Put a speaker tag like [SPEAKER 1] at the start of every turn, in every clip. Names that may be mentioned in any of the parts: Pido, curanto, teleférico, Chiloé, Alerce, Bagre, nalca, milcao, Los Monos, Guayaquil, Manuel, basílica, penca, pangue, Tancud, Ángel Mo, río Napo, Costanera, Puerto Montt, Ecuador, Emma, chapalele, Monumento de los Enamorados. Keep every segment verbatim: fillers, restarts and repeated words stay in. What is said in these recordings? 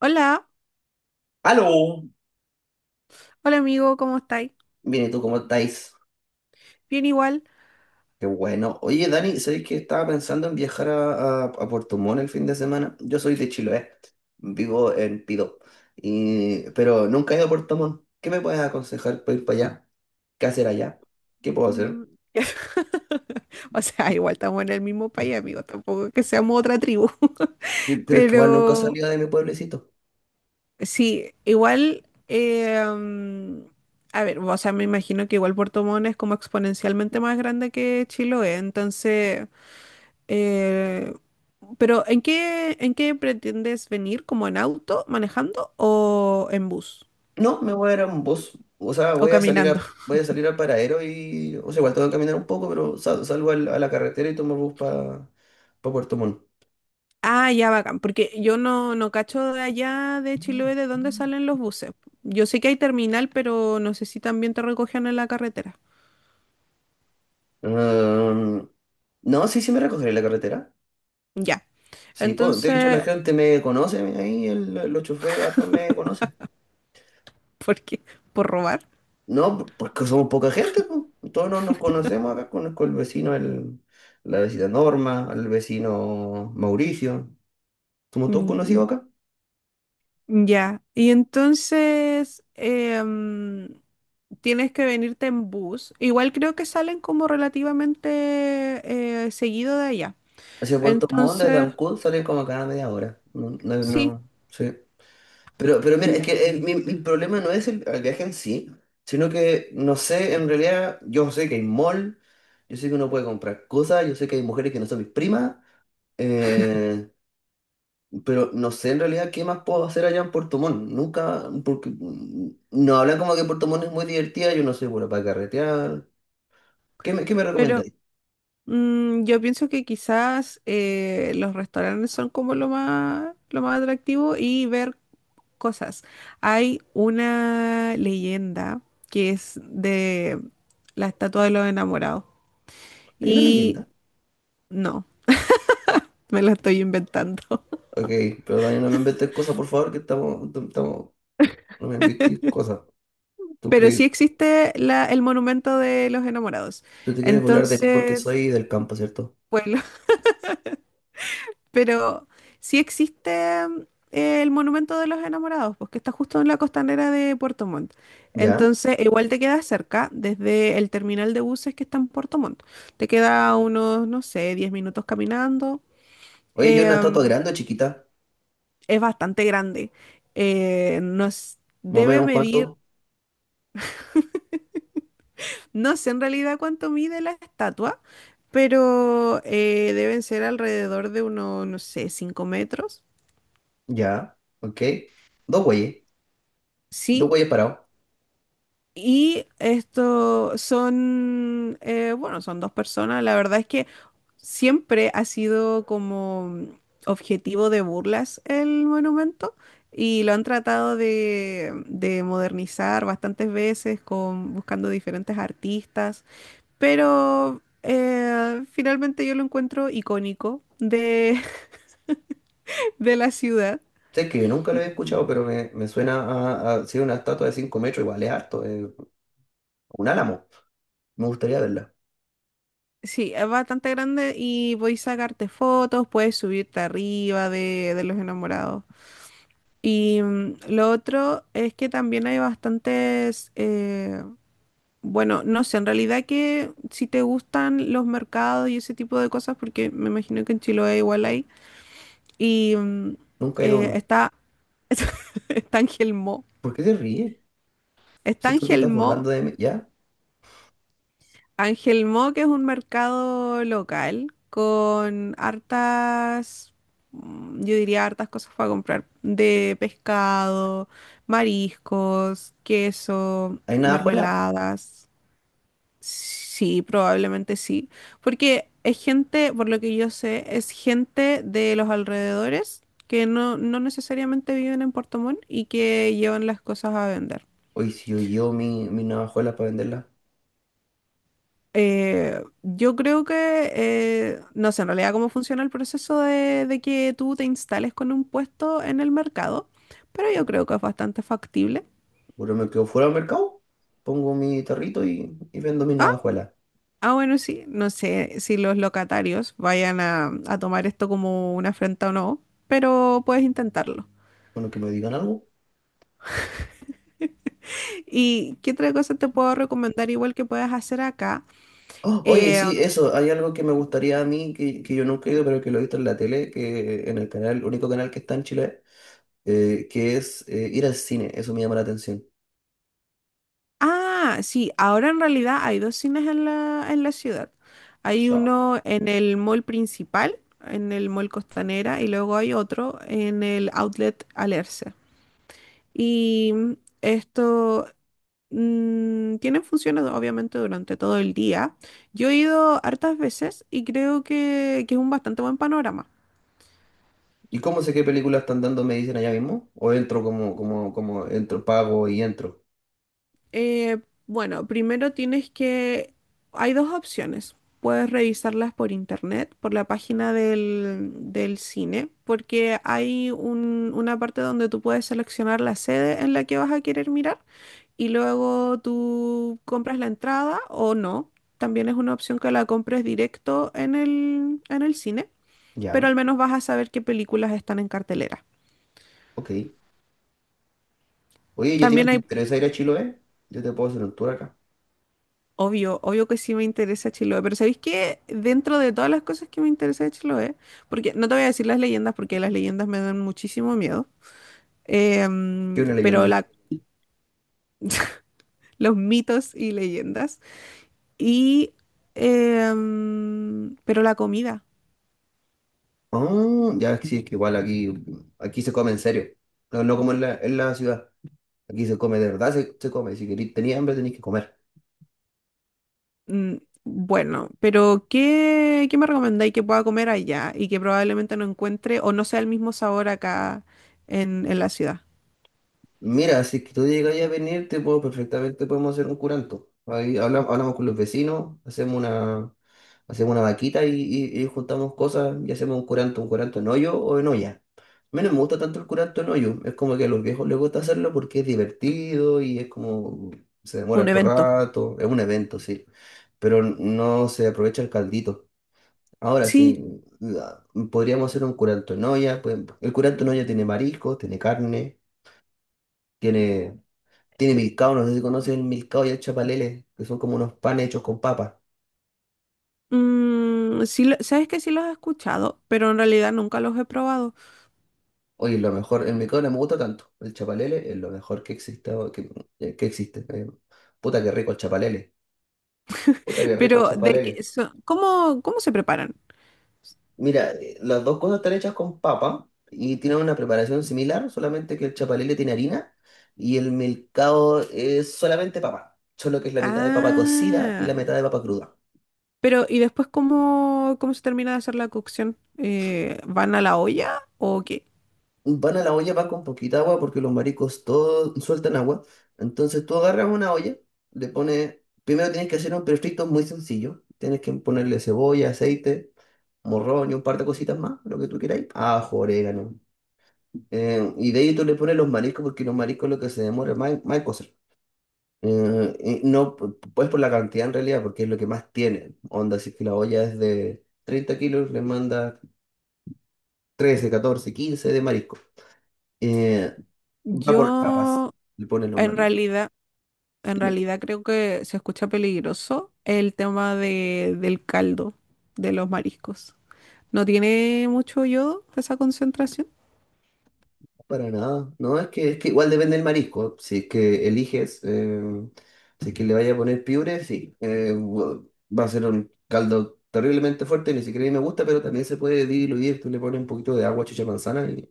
[SPEAKER 1] Hola,
[SPEAKER 2] ¡Aló!
[SPEAKER 1] hola amigo, ¿cómo estáis?
[SPEAKER 2] Bien, ¿y tú cómo estáis?
[SPEAKER 1] Bien igual.
[SPEAKER 2] Qué bueno. Oye, Dani, ¿sabéis que estaba pensando en viajar a, a, a Puerto Montt el fin de semana? Yo soy de Chiloé, vivo en Pido, y, pero nunca he ido a Puerto Montt. ¿Qué me puedes aconsejar para ir para allá? ¿Qué hacer allá? ¿Qué puedo
[SPEAKER 1] Mm.
[SPEAKER 2] hacer?
[SPEAKER 1] O sea, igual estamos en el mismo país, amigo, tampoco es que seamos otra tribu.
[SPEAKER 2] Yo- pero es que igual nunca he
[SPEAKER 1] Pero
[SPEAKER 2] salido de mi pueblecito.
[SPEAKER 1] sí, igual, eh, mm, a ver, o sea, me imagino que igual Puerto Montt es como exponencialmente más grande que Chiloé, entonces, eh, pero ¿en qué, en qué pretendes venir? ¿Como en auto, manejando o en bus
[SPEAKER 2] No, me voy a ir a un bus. O sea,
[SPEAKER 1] o
[SPEAKER 2] voy a salir
[SPEAKER 1] caminando?
[SPEAKER 2] a, voy a salir al paradero y... O sea, igual tengo que caminar un poco, pero sal- salgo al- a la carretera y tomo el bus para Puerto Montt.
[SPEAKER 1] Ah, ya bacán, porque yo no, no cacho de allá de Chiloé de dónde salen los buses. Yo sé que hay terminal, pero no sé si también te recogen en la carretera.
[SPEAKER 2] Mm, no, sí, sí me recogeré en la carretera.
[SPEAKER 1] Ya.
[SPEAKER 2] Sí, pues, de hecho la
[SPEAKER 1] Entonces,
[SPEAKER 2] gente me conoce, ahí el- los choferes hartos me conocen.
[SPEAKER 1] ¿por qué? ¿Por robar?
[SPEAKER 2] No, pues que somos poca gente, pues. Todos nos, nos conocemos acá, conozco el vecino, el, la vecina Norma, el vecino Mauricio. Somos todos
[SPEAKER 1] Mm.
[SPEAKER 2] conocidos acá.
[SPEAKER 1] Ya. Y entonces em, tienes que venirte en bus. Igual creo que salen como relativamente eh, seguido de allá.
[SPEAKER 2] Hacia Puerto Montt, de
[SPEAKER 1] Entonces,
[SPEAKER 2] Tancud, salen como cada media hora. No, no,
[SPEAKER 1] sí,
[SPEAKER 2] no, sí. Pero, pero mira, es que el, mi- el problema no es el, el viaje en sí, sino que no sé, en realidad, yo sé que hay mall, yo sé que uno puede comprar cosas, yo sé que hay mujeres que no son mis primas, eh, pero no sé en realidad qué más puedo hacer allá en Puerto Montt. Nunca, porque mm, no hablan como que Puerto Montt es muy divertida, yo no soy bueno para carretear. ¿Qué me, ¿qué me
[SPEAKER 1] pero
[SPEAKER 2] recomendáis?
[SPEAKER 1] Mm, yo pienso que quizás eh, los restaurantes son como lo más, lo más atractivo y ver cosas. Hay una leyenda que es de la estatua de los enamorados
[SPEAKER 2] Hay una
[SPEAKER 1] y
[SPEAKER 2] leyenda.
[SPEAKER 1] no, me la estoy inventando.
[SPEAKER 2] Ok, pero Dani, no me inventes cosas, por favor, que estamos, estamos, no me inventéis cosas. ¿Tú
[SPEAKER 1] Pero sí
[SPEAKER 2] crees?
[SPEAKER 1] existe la- el monumento de los enamorados.
[SPEAKER 2] Tú te quieres burlar de mí porque soy
[SPEAKER 1] Entonces,
[SPEAKER 2] del campo, ¿cierto?
[SPEAKER 1] pues Pero sí existe mm, el Monumento de los Enamorados, pues que está justo en la costanera de Puerto Montt.
[SPEAKER 2] Ya.
[SPEAKER 1] Entonces, igual te queda cerca desde el terminal de buses que está en Puerto Montt. Te queda unos, no sé, diez minutos caminando.
[SPEAKER 2] Oye, ¿yo una
[SPEAKER 1] Eh,
[SPEAKER 2] estatua grande o chiquita?
[SPEAKER 1] es bastante grande. Eh, nos
[SPEAKER 2] Más o
[SPEAKER 1] debe
[SPEAKER 2] menos,
[SPEAKER 1] medir,
[SPEAKER 2] ¿cuánto?
[SPEAKER 1] no sé en realidad cuánto mide la estatua, pero eh, deben ser alrededor de unos, no sé, cinco metros.
[SPEAKER 2] Ya. Ok. Dos güeyes. Dos
[SPEAKER 1] Sí.
[SPEAKER 2] güeyes parados.
[SPEAKER 1] Y esto son, eh, bueno, son dos personas. La verdad es que siempre ha sido como objetivo de burlas el monumento y lo han tratado de, de modernizar bastantes veces con, buscando diferentes artistas. Pero eh, finalmente yo lo encuentro icónico de, de la ciudad.
[SPEAKER 2] Sé que nunca lo he escuchado, pero me, me suena a, a ser una estatua de cinco metros. Igual es harto. Es un álamo. Me gustaría verla.
[SPEAKER 1] Sí, es bastante grande y podéis sacarte fotos, puedes subirte arriba de, de los enamorados. Y mm, lo otro es que también hay bastantes, eh, bueno, no sé, en realidad que si te gustan los mercados y ese tipo de cosas, porque me imagino que en Chiloé igual hay, y mm,
[SPEAKER 2] Nunca he ido a
[SPEAKER 1] eh,
[SPEAKER 2] uno.
[SPEAKER 1] está, está Ángel Mo,
[SPEAKER 2] ¿Por qué te ríes?
[SPEAKER 1] está
[SPEAKER 2] Si tú te
[SPEAKER 1] Ángel
[SPEAKER 2] estás
[SPEAKER 1] Mo,
[SPEAKER 2] burlando de mí, ¿ya?
[SPEAKER 1] Ángel Mo que es un mercado local con hartas, mm, yo diría hartas cosas para comprar, de pescado, mariscos, queso,
[SPEAKER 2] ¿Hay navajuela?
[SPEAKER 1] mermeladas. Sí, probablemente sí. Porque es gente, por lo que yo sé, es gente de los alrededores que no, no necesariamente viven en Puerto Montt y que llevan las cosas a vender.
[SPEAKER 2] Oye, si yo llevo mi, mi navajuela para venderla,
[SPEAKER 1] Eh, yo creo que, eh, no sé en realidad cómo funciona el proceso de, de que tú te instales con un puesto en el mercado, pero yo creo que es bastante factible.
[SPEAKER 2] pero me quedo fuera del mercado. Pongo mi tarrito y, y vendo mi navajuela.
[SPEAKER 1] Ah, bueno, sí, no sé si los locatarios vayan a, a tomar esto como una afrenta o no, pero puedes intentarlo.
[SPEAKER 2] Bueno, que me digan algo.
[SPEAKER 1] ¿Y qué otra cosa te puedo recomendar igual que puedes hacer acá?
[SPEAKER 2] Oh, oye,
[SPEAKER 1] Eh,
[SPEAKER 2] sí, eso, hay algo que me gustaría a mí, que, que yo nunca he ido, pero que lo he visto en la tele, que en el canal, único canal que está en Chile, eh, que es eh, ir al cine, eso me llama la atención.
[SPEAKER 1] ah, sí, ahora en realidad hay dos cines en la, en la ciudad. Hay
[SPEAKER 2] Ya.
[SPEAKER 1] uno en el mall principal, en el mall Costanera, y luego hay otro en el outlet Alerce. Y mm, esto mm, tiene funciones obviamente durante todo el día. Yo he ido hartas veces y creo que, que es un bastante buen panorama.
[SPEAKER 2] ¿Y cómo sé qué películas están dando? ¿Me dicen allá mismo? ¿O entro como, como, como, entro, pago y entro?
[SPEAKER 1] Eh, bueno, primero tienes que... Hay dos opciones. Puedes revisarlas por internet, por la página del, del cine, porque hay un- una parte donde tú puedes seleccionar la sede en la que vas a querer mirar y luego tú compras la entrada o no. También es una opción que la compres directo en el, en el cine, pero
[SPEAKER 2] Ya,
[SPEAKER 1] al menos vas a saber qué películas están en cartelera.
[SPEAKER 2] ok. Oye, ¿y a ti no
[SPEAKER 1] También
[SPEAKER 2] te
[SPEAKER 1] hay.
[SPEAKER 2] interesa ir a Chiloé? Yo te puedo hacer un tour acá,
[SPEAKER 1] Obvio, obvio que sí me interesa Chiloé, pero ¿sabéis qué? Dentro de todas las cosas que me interesa de Chiloé, porque no te voy a decir las leyendas porque las leyendas me dan muchísimo miedo, eh,
[SPEAKER 2] que
[SPEAKER 1] mm,
[SPEAKER 2] una
[SPEAKER 1] pero
[SPEAKER 2] leyenda.
[SPEAKER 1] la, los mitos y leyendas, y, eh, mm, pero la comida.
[SPEAKER 2] Ah, ya, sí, es que igual aquí, aquí se come en serio, no, no como en la, en la ciudad. Aquí se come de verdad, se, se come. Si queréis, tenía hambre, tenéis que comer.
[SPEAKER 1] mm, Bueno, pero ¿qué, qué me recomendáis que pueda comer allá y que probablemente no encuentre o no sea el mismo sabor acá en, en la ciudad?
[SPEAKER 2] Mira, si es que tú llegas ahí a venir, te puedo, perfectamente podemos hacer un curanto. Ahí habla- hablamos con los vecinos, hacemos una, hacemos una vaquita y, y- y juntamos cosas y hacemos un curanto, un curanto en hoyo o en olla. A mí no me gusta tanto el curanto en hoyo, es como que a los viejos les gusta hacerlo porque es divertido y es como se demora
[SPEAKER 1] Un
[SPEAKER 2] harto
[SPEAKER 1] evento.
[SPEAKER 2] rato, es un evento, sí, pero no se aprovecha el caldito. Ahora
[SPEAKER 1] Sí.
[SPEAKER 2] sí, la- podríamos hacer un curanto en olla, pues, el curanto en olla tiene mariscos, tiene carne. Tiene Tiene milcao, no sé si conoces el milcao y el chapalele, que son como unos panes hechos con papa.
[SPEAKER 1] Mm, sí, lo- sabes que sí los he escuchado, pero en realidad nunca los he probado.
[SPEAKER 2] Oye, lo mejor, el milcao no me gusta tanto. El chapalele es lo mejor que existe. o Que, eh, que existe. eh. Puta que rico el chapalele. Puta que rico el
[SPEAKER 1] Pero de qué
[SPEAKER 2] chapalele.
[SPEAKER 1] son, ¿cómo, cómo se preparan?
[SPEAKER 2] Mira, eh, las dos cosas están hechas con papa y tienen una preparación similar, solamente que el chapalele tiene harina y el milcao es solamente papa. Solo que es la mitad de papa cocida y
[SPEAKER 1] Ah,
[SPEAKER 2] la mitad de papa cruda.
[SPEAKER 1] pero ¿y después cómo, cómo se termina de hacer la cocción? Eh, ¿van a la olla o qué?
[SPEAKER 2] Van a la olla, va con poquita agua porque los mariscos todos sueltan agua. Entonces tú agarras una olla, le pones, primero tienes que hacer un refrito muy sencillo. Tienes que ponerle cebolla, aceite, morrón y un par de cositas más, lo que tú queráis. Ajo, orégano. Eh, y de ahí tú le pones los mariscos porque los mariscos lo que se demora más, en- más en cocer. Eh, y no, pu- pues por la cantidad en realidad, porque es lo que más tiene. Onda, si es que la olla es de treinta kilos, le manda trece catorce quince de marisco. Eh, Va por capas,
[SPEAKER 1] Yo
[SPEAKER 2] le ponen los
[SPEAKER 1] en
[SPEAKER 2] mariscos.
[SPEAKER 1] realidad, en
[SPEAKER 2] Dime,
[SPEAKER 1] realidad creo que se escucha peligroso el tema de, del caldo de los mariscos. ¿No tiene mucho yodo esa concentración?
[SPEAKER 2] para nada. No, es que, es que igual depende del marisco. Si es que eliges, eh, si es que le vaya a poner piure, sí. Eh, bu- va a ser un caldo terriblemente fuerte, ni siquiera a mí me gusta, pero también se puede diluir. Tú le pones un poquito de agua, chicha de manzana y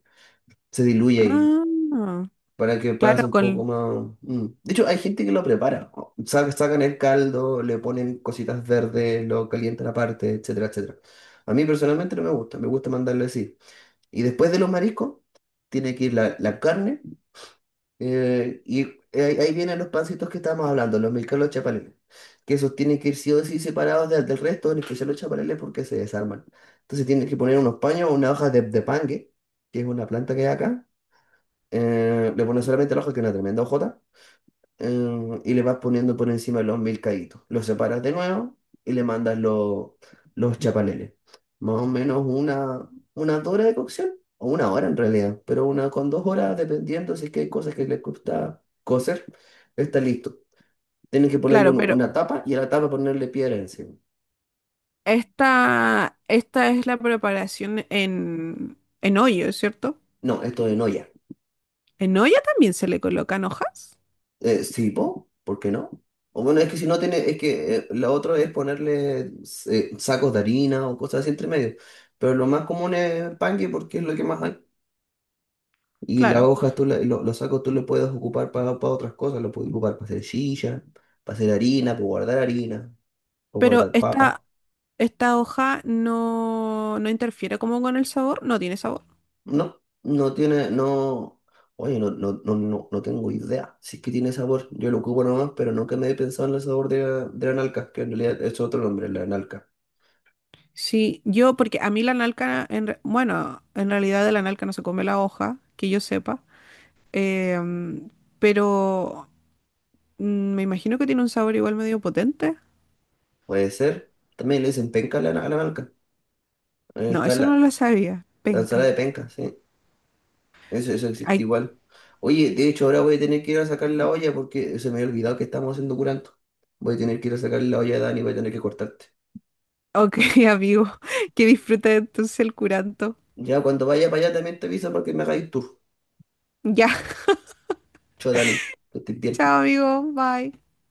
[SPEAKER 2] se diluye y
[SPEAKER 1] Ah,
[SPEAKER 2] para que
[SPEAKER 1] claro,
[SPEAKER 2] pase un poco
[SPEAKER 1] con,
[SPEAKER 2] más. mm. De hecho, hay gente que lo prepara. O- sa- Sacan el caldo, le ponen cositas verdes, lo calientan aparte, etcétera, etcétera. A mí personalmente no me gusta, me gusta mandarle así. Y después de los mariscos, tiene que ir la, la carne. Eh, y ahí, ahí vienen los pancitos que estábamos hablando, los milcalos chapaleles. Que esos tienen que ir sí o sí separados de- del resto, en especial los chapaleles, porque se desarman. Entonces tienen que poner unos paños, una hoja de, de pangue, que es una planta que hay acá. Eh, le ponen solamente la hoja, que es una tremenda hojota. Eh, y le vas poniendo por encima los milcaitos. Los separas de nuevo y le mandas lo- los chapaleles. Más o menos una, una hora de cocción, o una hora en realidad, pero una con dos horas, dependiendo si es que hay cosas que les gusta cocer, está listo. Tienes que ponerle
[SPEAKER 1] claro,
[SPEAKER 2] un-
[SPEAKER 1] pero
[SPEAKER 2] una tapa y a la tapa ponerle piedra encima.
[SPEAKER 1] Esta, esta es la preparación en, en olla, ¿cierto?
[SPEAKER 2] No, esto de no.
[SPEAKER 1] En olla también se le colocan hojas,
[SPEAKER 2] Eh, sí, po, ¿por qué no? O bueno, es que si no tiene, es que eh, lo otro es ponerle eh, sacos de harina o cosas así entre medio. Pero lo más común es panque porque es lo que más hay. Y las
[SPEAKER 1] claro.
[SPEAKER 2] hojas, tú la- lo- los sacos tú lo puedes ocupar para, para otras cosas. Lo puedes ocupar para hacer silla, para hacer harina, para guardar harina, para
[SPEAKER 1] Pero
[SPEAKER 2] guardar
[SPEAKER 1] esta,
[SPEAKER 2] papa.
[SPEAKER 1] esta hoja no, no interfiere como con el sabor, no tiene sabor.
[SPEAKER 2] No, no tiene, no. Oye, no, no, no, no, no tengo idea. Si es que tiene sabor, yo lo ocupo nomás, pero nunca me he pensado en el sabor de, la- de la nalca, que en realidad es otro nombre, la nalca.
[SPEAKER 1] Sí, yo, porque a mí la nalca, en re- bueno, en realidad de la nalca no se come la hoja, que yo sepa. em, pero mm, me imagino que tiene un sabor igual medio potente.
[SPEAKER 2] Puede ser. También le dicen penca a la, a la banca. Ahí
[SPEAKER 1] No,
[SPEAKER 2] está
[SPEAKER 1] eso no
[SPEAKER 2] la,
[SPEAKER 1] lo sabía.
[SPEAKER 2] la
[SPEAKER 1] Penca.
[SPEAKER 2] ensalada de penca, sí. Eso, eso existe igual. Oye, de hecho, ahora voy a tener que ir a sacar la olla porque se me había olvidado que estamos haciendo curanto. Voy a tener que ir a sacar la olla, Dani, voy a tener que cortarte.
[SPEAKER 1] Ok, amigo, que disfrutes entonces el curanto.
[SPEAKER 2] Ya cuando vaya para allá también te aviso para que me hagáis tour.
[SPEAKER 1] Ya,
[SPEAKER 2] Chao, Dani, que estés bien.
[SPEAKER 1] chao, amigo, bye.